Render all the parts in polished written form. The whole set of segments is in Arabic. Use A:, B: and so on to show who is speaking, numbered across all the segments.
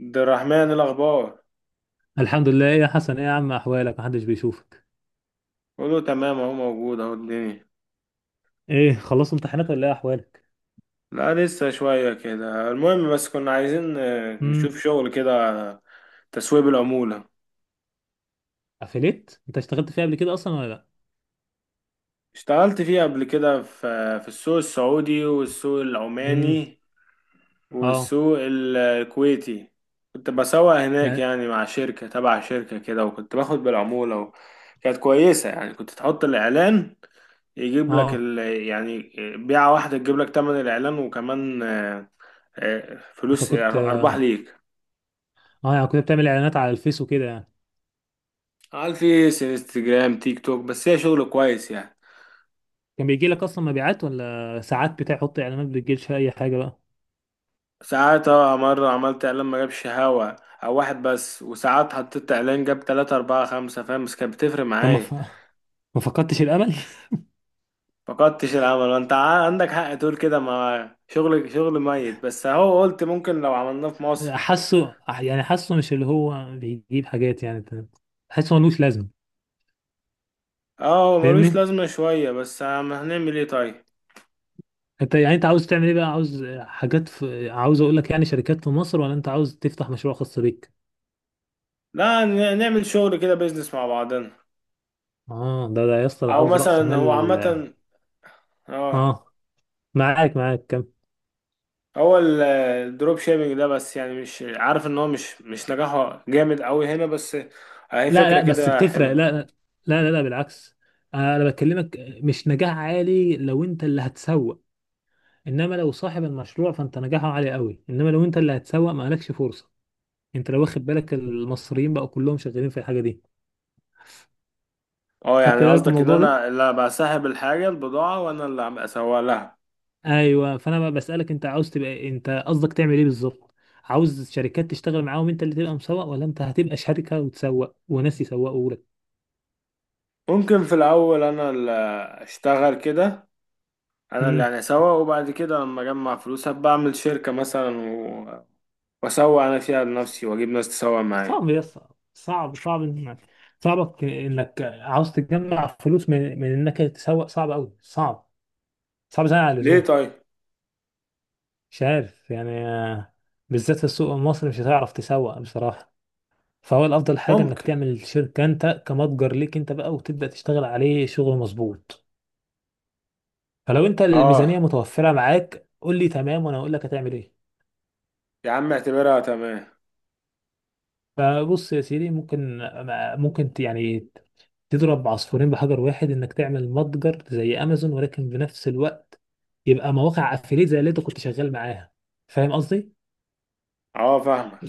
A: عبد الرحمن، الأخبار.
B: الحمد لله، ايه يا حسن؟ ايه يا عم، احوالك؟ محدش بيشوفك.
A: كله تمام، أهو موجود، أهو الدنيا.
B: ايه، خلصت امتحانات ولا ايه احوالك؟
A: لا لسه شوية كده، المهم. بس كنا عايزين نشوف
B: امم
A: شغل كده على تسويب العمولة.
B: افليت انت اشتغلت فيها قبل كده اصلا ولا لا؟
A: اشتغلت فيه قبل كده في السوق السعودي والسوق
B: امم،
A: العماني
B: اه،
A: والسوق الكويتي. كنت بسوق هناك
B: يعني،
A: يعني، مع شركة تبع شركة كده، وكنت باخد بالعمولة كانت كويسة يعني. كنت تحط الإعلان،
B: اه،
A: يعني بيعة واحدة تجيب لك تمن الإعلان، وكمان
B: انت
A: فلوس،
B: كنت
A: أرباح ليك.
B: اه يعني كنت بتعمل اعلانات على الفيس وكده يعني.
A: على الفيس، انستجرام، تيك توك، بس هي شغل كويس يعني.
B: كان بيجي لك اصلا مبيعات، ولا ساعات بتحط اعلانات بتجيلش اي حاجه بقى؟
A: ساعات مرة عملت إعلان ما جابش هوا أو واحد بس، وساعات حطيت إعلان جاب تلاتة أربعة خمسة، فاهم؟ بس كانت بتفرق
B: طب ما
A: معايا.
B: ف... ما فقدتش الامل.
A: فقدتش الامل، وانت عندك حق تقول كده، ما شغل شغل ميت، بس اهو قلت ممكن لو عملناه في مصر.
B: حاسه، يعني حاسه مش اللي هو بيجيب حاجات يعني. حاسه ملوش لازمه.
A: اه ملوش
B: فاهمني؟
A: لازمة شوية، بس هنعمل ايه طيب؟
B: انت يعني، انت عاوز تعمل ايه بقى؟ عاوز اقول لك يعني شركات في مصر، ولا انت عاوز تفتح مشروع خاص بيك؟
A: لا نعمل شغل كده، بيزنس مع بعضنا.
B: اه، ده يا اسطى، ده
A: او
B: عاوز رأس
A: مثلا هو
B: مال.
A: عامة. اه،
B: اه، معاك كم؟
A: هو الدروب شيبينج ده، بس يعني مش عارف، ان هو مش نجاحه جامد قوي هنا، بس هي
B: لا
A: فكرة
B: لا، بس
A: كده
B: بتفرق.
A: حلوة.
B: لا لا، لا لا، لا بالعكس. انا بكلمك. مش نجاح عالي لو انت اللي هتسوق، انما لو صاحب المشروع فانت نجاحه عالي قوي، انما لو انت اللي هتسوق ما لكش فرصة. انت لو واخد بالك المصريين بقوا كلهم شغالين في الحاجة دي.
A: اه
B: خدت
A: يعني
B: بالك من
A: قصدك ان
B: الموضوع ده؟
A: انا اللي بسحب الحاجة، البضاعة، وانا اللي هبقى اسوق لها.
B: ايوه، فانا بقى بسالك انت عاوز تبقى إيه؟ انت قصدك تعمل ايه بالظبط؟ عاوز شركات تشتغل معاهم انت اللي تبقى مسوق، ولا انت هتبقى شركه وتسوق وناس يسوقوا لك؟
A: ممكن في الأول أنا اللي أشتغل كده، أنا اللي
B: امم
A: يعني أسوق، وبعد كده لما أجمع فلوس هبقى أعمل شركة مثلا، وأسوق أنا فيها لنفسي، وأجيب ناس تسوق معايا.
B: صعب يا اسطى. صعب انك، صعبك انك عاوز تجمع فلوس من انك تسوق، صعب قوي، صعب. صعب زي على
A: ليه
B: اللزوم.
A: طيب؟
B: مش عارف يعني. بالذات في السوق المصري مش هتعرف تسوق بصراحه. فهو الافضل حاجه انك
A: ممكن.
B: تعمل شركه انت، كمتجر ليك انت بقى، وتبدا تشتغل عليه شغل مظبوط. فلو انت الميزانيه
A: آه
B: متوفره معاك، قول لي تمام، وانا اقول لك هتعمل ايه.
A: يا عم اعتبرها تمام.
B: فبص يا سيدي، ممكن، يعني تضرب عصفورين بحجر واحد، انك تعمل متجر زي امازون، ولكن بنفس الوقت يبقى مواقع افيليت زي اللي انت كنت شغال معاها. فاهم قصدي؟
A: فاهمك.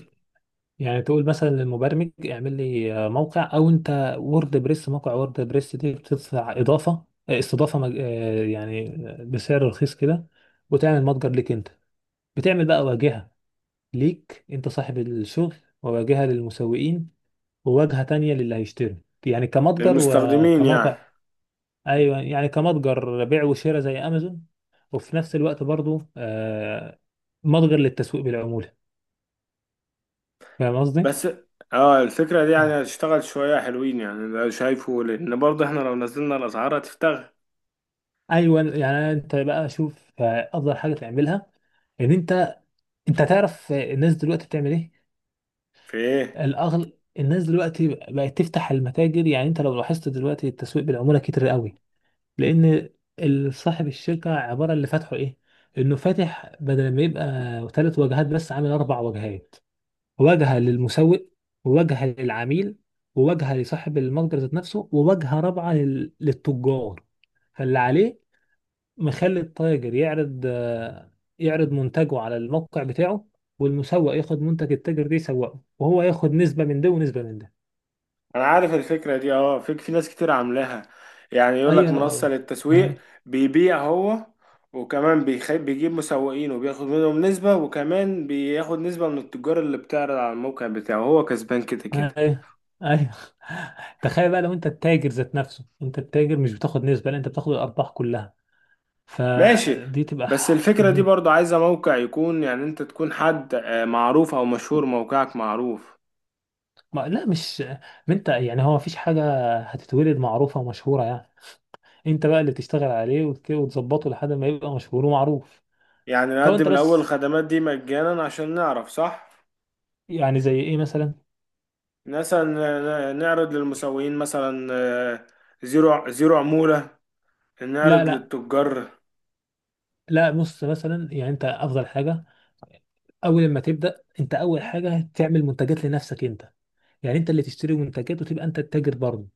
B: يعني تقول مثلا للمبرمج اعمل لي موقع، او انت وورد بريس. موقع وورد بريس دي بتدفع اضافه استضافه مج... آه، يعني بسعر رخيص كده، وتعمل متجر ليك انت. بتعمل بقى واجهه ليك انت صاحب الشغل، وواجهة للمسوقين، وواجهة تانية للي هيشتري. يعني كمتجر
A: للمستخدمين يعني.
B: وكموقع. ايوه، يعني كمتجر بيع وشراء زي امازون، وفي نفس الوقت برضو متجر للتسويق بالعمولة. فاهم قصدي؟
A: بس الفكرة دي
B: اه،
A: يعني هتشتغل شوية حلوين يعني، ده شايفه، لأن برضه إحنا لو نزلنا الأسعار هتفتغ.
B: ايوه، يعني انت بقى شوف افضل حاجة تعملها. ان انت انت تعرف الناس دلوقتي بتعمل ايه؟
A: في إيه؟
B: الاغل الناس دلوقتي بقت تفتح المتاجر. يعني انت لو لاحظت دلوقتي التسويق بالعمولة كتير قوي. لان صاحب الشركه عباره اللي فاتحه ايه، انه فاتح بدل ما يبقى ثلاث واجهات، بس عامل اربع واجهات. واجهه للمسوق، وواجهه للعميل، وواجهه لصاحب المتجر ذات نفسه، وواجهه رابعه للتجار. فاللي عليه مخلي التاجر يعرض يعرض منتجه على الموقع بتاعه. والمسوق ياخد منتج التاجر ده يسوقه، وهو ياخد نسبه من ده ونسبه من ده.
A: انا عارف الفكره دي اه، في ناس كتير عاملاها. يعني يقول
B: ايوه.
A: لك منصه
B: انا.
A: للتسويق، بيبيع هو وكمان بيجيب مسوقين وبياخد منهم نسبه، وكمان بياخد نسبه من التجار اللي بتعرض على الموقع بتاعه. هو كسبان كده كده.
B: ايوه. ايوه. تخيل بقى لو انت التاجر ذات نفسه، انت التاجر مش بتاخد نسبة، لا انت بتاخد الارباح كلها.
A: ماشي.
B: فدي تبقى.
A: بس الفكره دي
B: مم.
A: برضو عايزه موقع يكون، يعني انت تكون حد معروف او مشهور، موقعك معروف.
B: ما لا مش ما انت يعني هو مفيش حاجة هتتولد معروفة ومشهورة يعني. انت بقى اللي تشتغل عليه وتظبطه لحد ما يبقى مشهور ومعروف.
A: يعني
B: فهو
A: نقدم
B: انت
A: الاول
B: بس.
A: الخدمات دي مجانا عشان نعرف صح؟
B: يعني زي ايه مثلا؟
A: مثلا نعرض للمسوقين، مثلا آه، زيرو زيرو عموله،
B: لا
A: نعرض
B: لا
A: للتجار.
B: لا، بص مثلا يعني. انت افضل حاجة اول ما تبدأ، انت اول حاجة تعمل منتجات لنفسك انت. يعني انت اللي تشتري منتجات، وتبقى انت التاجر برضه،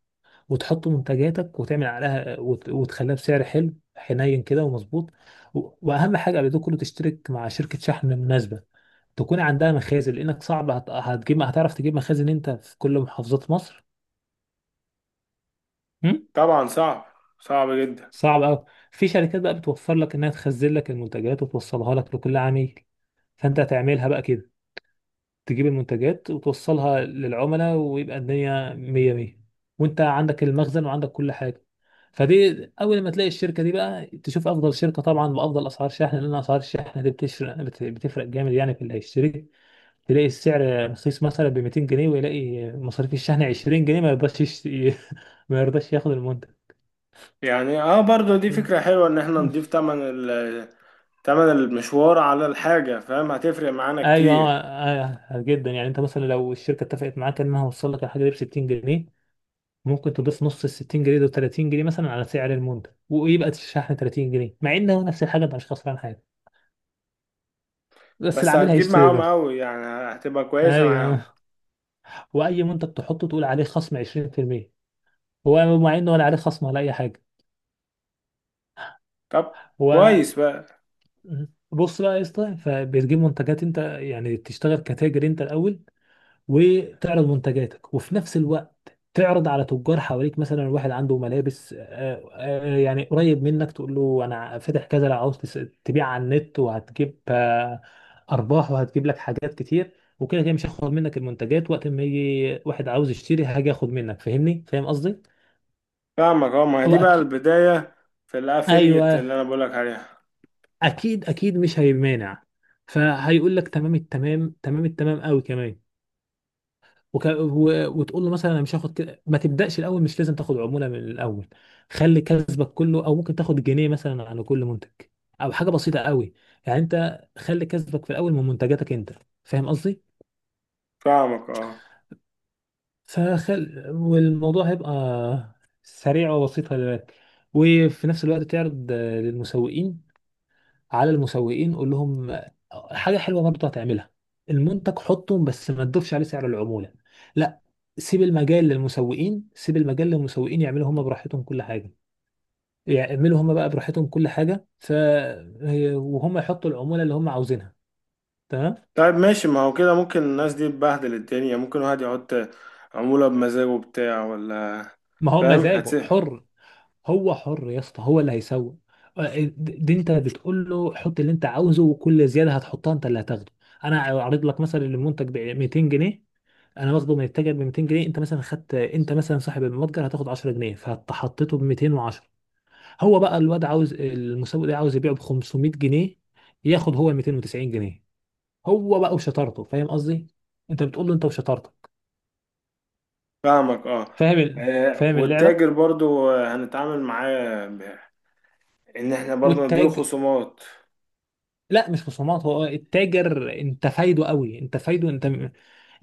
B: وتحط منتجاتك وتعمل عليها وتخليها بسعر حلو حنين كده ومظبوط. واهم حاجه قبل ده كله تشترك مع شركه شحن مناسبه، تكون عندها مخازن، لانك صعب هتجيب، هتعرف تجيب مخازن انت في كل محافظات مصر؟ هم؟
A: طبعا صعب، صعب جدا.
B: صعب قوي. في شركات بقى بتوفر لك انها تخزن لك المنتجات وتوصلها لك لكل عميل. فانت هتعملها بقى كده، تجيب المنتجات وتوصلها للعملاء، ويبقى الدنيا مية مية، وانت عندك المخزن وعندك كل حاجة. فدي اول ما تلاقي الشركة دي بقى، تشوف افضل شركة طبعا بافضل اسعار شحن، لان اسعار الشحن دي بتفرق جامد. يعني في اللي هيشتري تلاقي السعر رخيص مثلا ب 200 جنيه، ويلاقي مصاريف الشحن 20 جنيه، ما يرضاش ما يرضاش ياخد المنتج.
A: يعني اه برضو دي فكرة حلوة، ان احنا نضيف تمن المشوار على الحاجة، فاهم؟ هتفرق معانا
B: ايوه،
A: كتير.
B: جدا. يعني انت مثلا لو الشركه اتفقت معاك انها هوصل لك الحاجه دي ب 60 جنيه، ممكن تضيف نص ال 60 جنيه دول 30 جنيه مثلا على سعر المنتج، ويبقى الشحن 30 جنيه، مع ان هو نفس الحاجه مش خسران حاجه، بس
A: بس
B: العميل
A: هتجيب
B: هيشتري
A: معاهم
B: برضه.
A: قوي يعني، هتبقى كويسة معاهم.
B: ايوه، واي منتج تحطه تقول عليه خصم 20%، هو مع انه ولا عليه خصم ولا اي حاجه.
A: طب
B: هو
A: كويس بقى.
B: بص بقى يا اسطى، فبتجيب منتجات انت، يعني تشتغل كتاجر انت الاول، وتعرض منتجاتك، وفي نفس الوقت تعرض على تجار حواليك. مثلا واحد عنده ملابس يعني قريب منك، تقول له انا فاتح كذا، لو عاوز تبيع على النت، وهتجيب ارباح، وهتجيب لك حاجات كتير. وكده كده مش هاخد منك المنتجات، وقت ما يجي واحد عاوز يشتري هاجي اخد منك. فاهمني؟ فاهم قصدي؟
A: فاهمك اه، ما هي
B: هو
A: دي بقى
B: اكيد.
A: البداية في الافيليت
B: ايوه،
A: اللي انا بقولك عليها.
B: اكيد اكيد مش هيمانع، فهيقول لك تمام التمام، تمام التمام قوي كمان. وتقول له مثلا انا مش هاخد كده. ما تبداش الاول. مش لازم تاخد عموله من الاول، خلي كسبك كله، او ممكن تاخد جنيه مثلا على كل منتج، او حاجه بسيطه قوي. يعني انت خلي كسبك في الاول من منتجاتك انت. فاهم قصدي؟
A: فاهمك اه.
B: فخل والموضوع هيبقى سريع وبسيط، خلي بالك. وفي نفس الوقت تعرض للمسوقين. على المسوقين قول لهم حاجه حلوه برضه هتعملها. المنتج حطه، بس ما تضيفش عليه سعر العموله، لا. سيب المجال للمسوقين، سيب المجال للمسوقين يعملوا هم براحتهم كل حاجه، يعملوا هم بقى براحتهم كل حاجه ف. وهم يحطوا العموله اللي هم عاوزينها. تمام.
A: طيب ماشي، ما هو كده ممكن الناس دي تبهدل الدنيا، ممكن واحد يحط عمولة بمزاجه بتاع ولا؟
B: ما هو
A: فاهم
B: مزاجه
A: هتسه.
B: حر. هو حر يا اسطى، هو اللي هيسوق. دي انت بتقول له حط اللي انت عاوزه، وكل زياده هتحطها انت اللي هتاخده. انا عارض لك مثلا المنتج ب 200 جنيه، انا واخده من التاجر ب 200 جنيه، انت مثلا خدت، انت مثلا صاحب المتجر هتاخد 10 جنيه، فحطيته ب 210. هو بقى الواد عاوز، المسوق ده عاوز يبيعه ب 500 جنيه، ياخد هو 290 جنيه. هو بقى وشطارته. فاهم قصدي؟ انت بتقول له انت وشطارتك.
A: فاهمك اه.
B: فاهم اللعبه؟
A: والتاجر برضو هنتعامل معاه ان احنا برضو نديله
B: والتاج
A: خصومات.
B: لا مش خصومات، هو التاجر انت فايده قوي، انت فايده انت،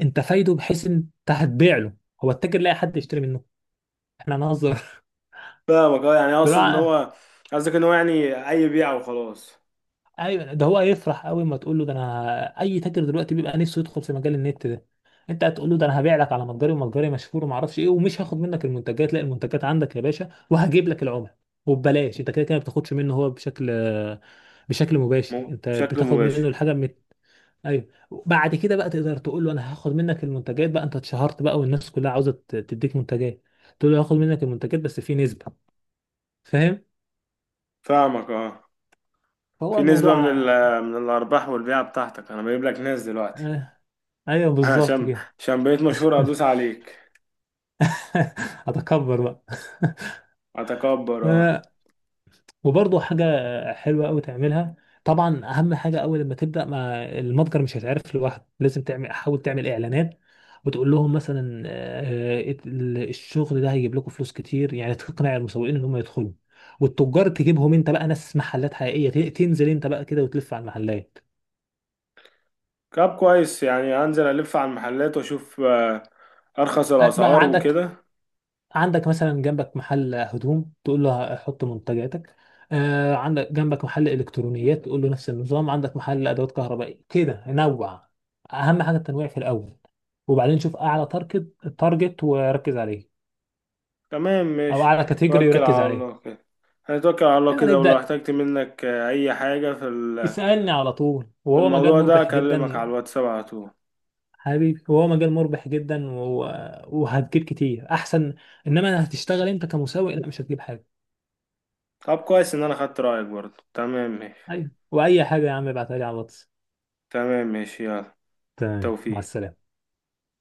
B: انت فايده بحيث انت هتبيع له، هو التاجر لاقي حد يشتري منه. احنا هنهزر.
A: فاهمك اه، يعني اقصد ان
B: طلع.
A: هو، قصدك ان هو يعني اي بيعه وخلاص.
B: ايوه، ده هو هيفرح قوي، ما تقول له ده انا. اي تاجر دلوقتي بيبقى نفسه يدخل في مجال النت ده. انت هتقول له ده انا هبيع لك على متجري ومتجري مشهور وما اعرفش ايه، ومش هاخد منك المنتجات، لا المنتجات عندك يا باشا، وهجيب لك العملاء وببلاش. انت كده كده ما بتاخدش منه هو، بشكل مباشر انت
A: بشكل
B: بتاخد
A: مباشر.
B: منه الحاجه. ايوه. بعد كده بقى تقدر تقول له انا هاخد منك المنتجات بقى، انت اتشهرت بقى والناس كلها عاوزه تديك منتجات. تقول له هاخد منك المنتجات بس في نسبه. فاهم؟
A: فاهمك اه،
B: فهو
A: في نسبة
B: الموضوع.
A: من الارباح والبيعة بتاعتك، انا بجيب لك ناس دلوقتي.
B: آه، ايوه بالظبط
A: عشان
B: كده.
A: عشان بقيت مشهور ادوس عليك.
B: هتكبر بقى.
A: اتكبر اه.
B: وبرضه حاجة حلوة أوي تعملها. طبعا أهم حاجة أول لما تبدأ، ما المتجر مش هيتعرف لوحده. لازم تعمل، حاول تعمل إعلانات، وتقول لهم مثلا الشغل ده هيجيب لكم فلوس كتير، يعني تقنع المسوقين إن هم يدخلوا. والتجار تجيبهم أنت بقى ناس محلات حقيقية تنزل أنت بقى كده وتلف على المحلات.
A: طب كويس، يعني هنزل الف على المحلات واشوف ارخص
B: ما
A: الاسعار
B: عندك.
A: وكده.
B: عندك مثلا جنبك محل هدوم، تقول له حط منتجاتك. آه، عندك جنبك محل الكترونيات تقول له نفس النظام، عندك محل ادوات كهربائيه كده نوع. اهم حاجه التنويع في الاول، وبعدين شوف اعلى تارجت. تارجت وركز عليه،
A: تمام
B: او
A: ماشي،
B: اعلى كاتيجوري
A: توكل
B: وركز
A: على
B: عليه.
A: الله كده. هنتوكل على الله
B: ايوه، انا
A: كده، ولو
B: يبدا
A: احتجت منك اي حاجة
B: يسالني على طول،
A: في
B: وهو مجال
A: الموضوع ده
B: مربح
A: اكلمك على
B: جدا.
A: الواتساب على طول.
B: حبيبي، وهو مجال مربح جدا وهتجيب كتير احسن. انما هتشتغل انت كمسوق لا، مش هتجيب حاجه.
A: طب كويس ان انا خدت رأيك برضه. تمام ماشي.
B: ايوه، واي حاجه يا عم ابعتها لي على الواتس.
A: تمام ماشي يلا.
B: تمام، مع
A: توفيق.
B: السلامة.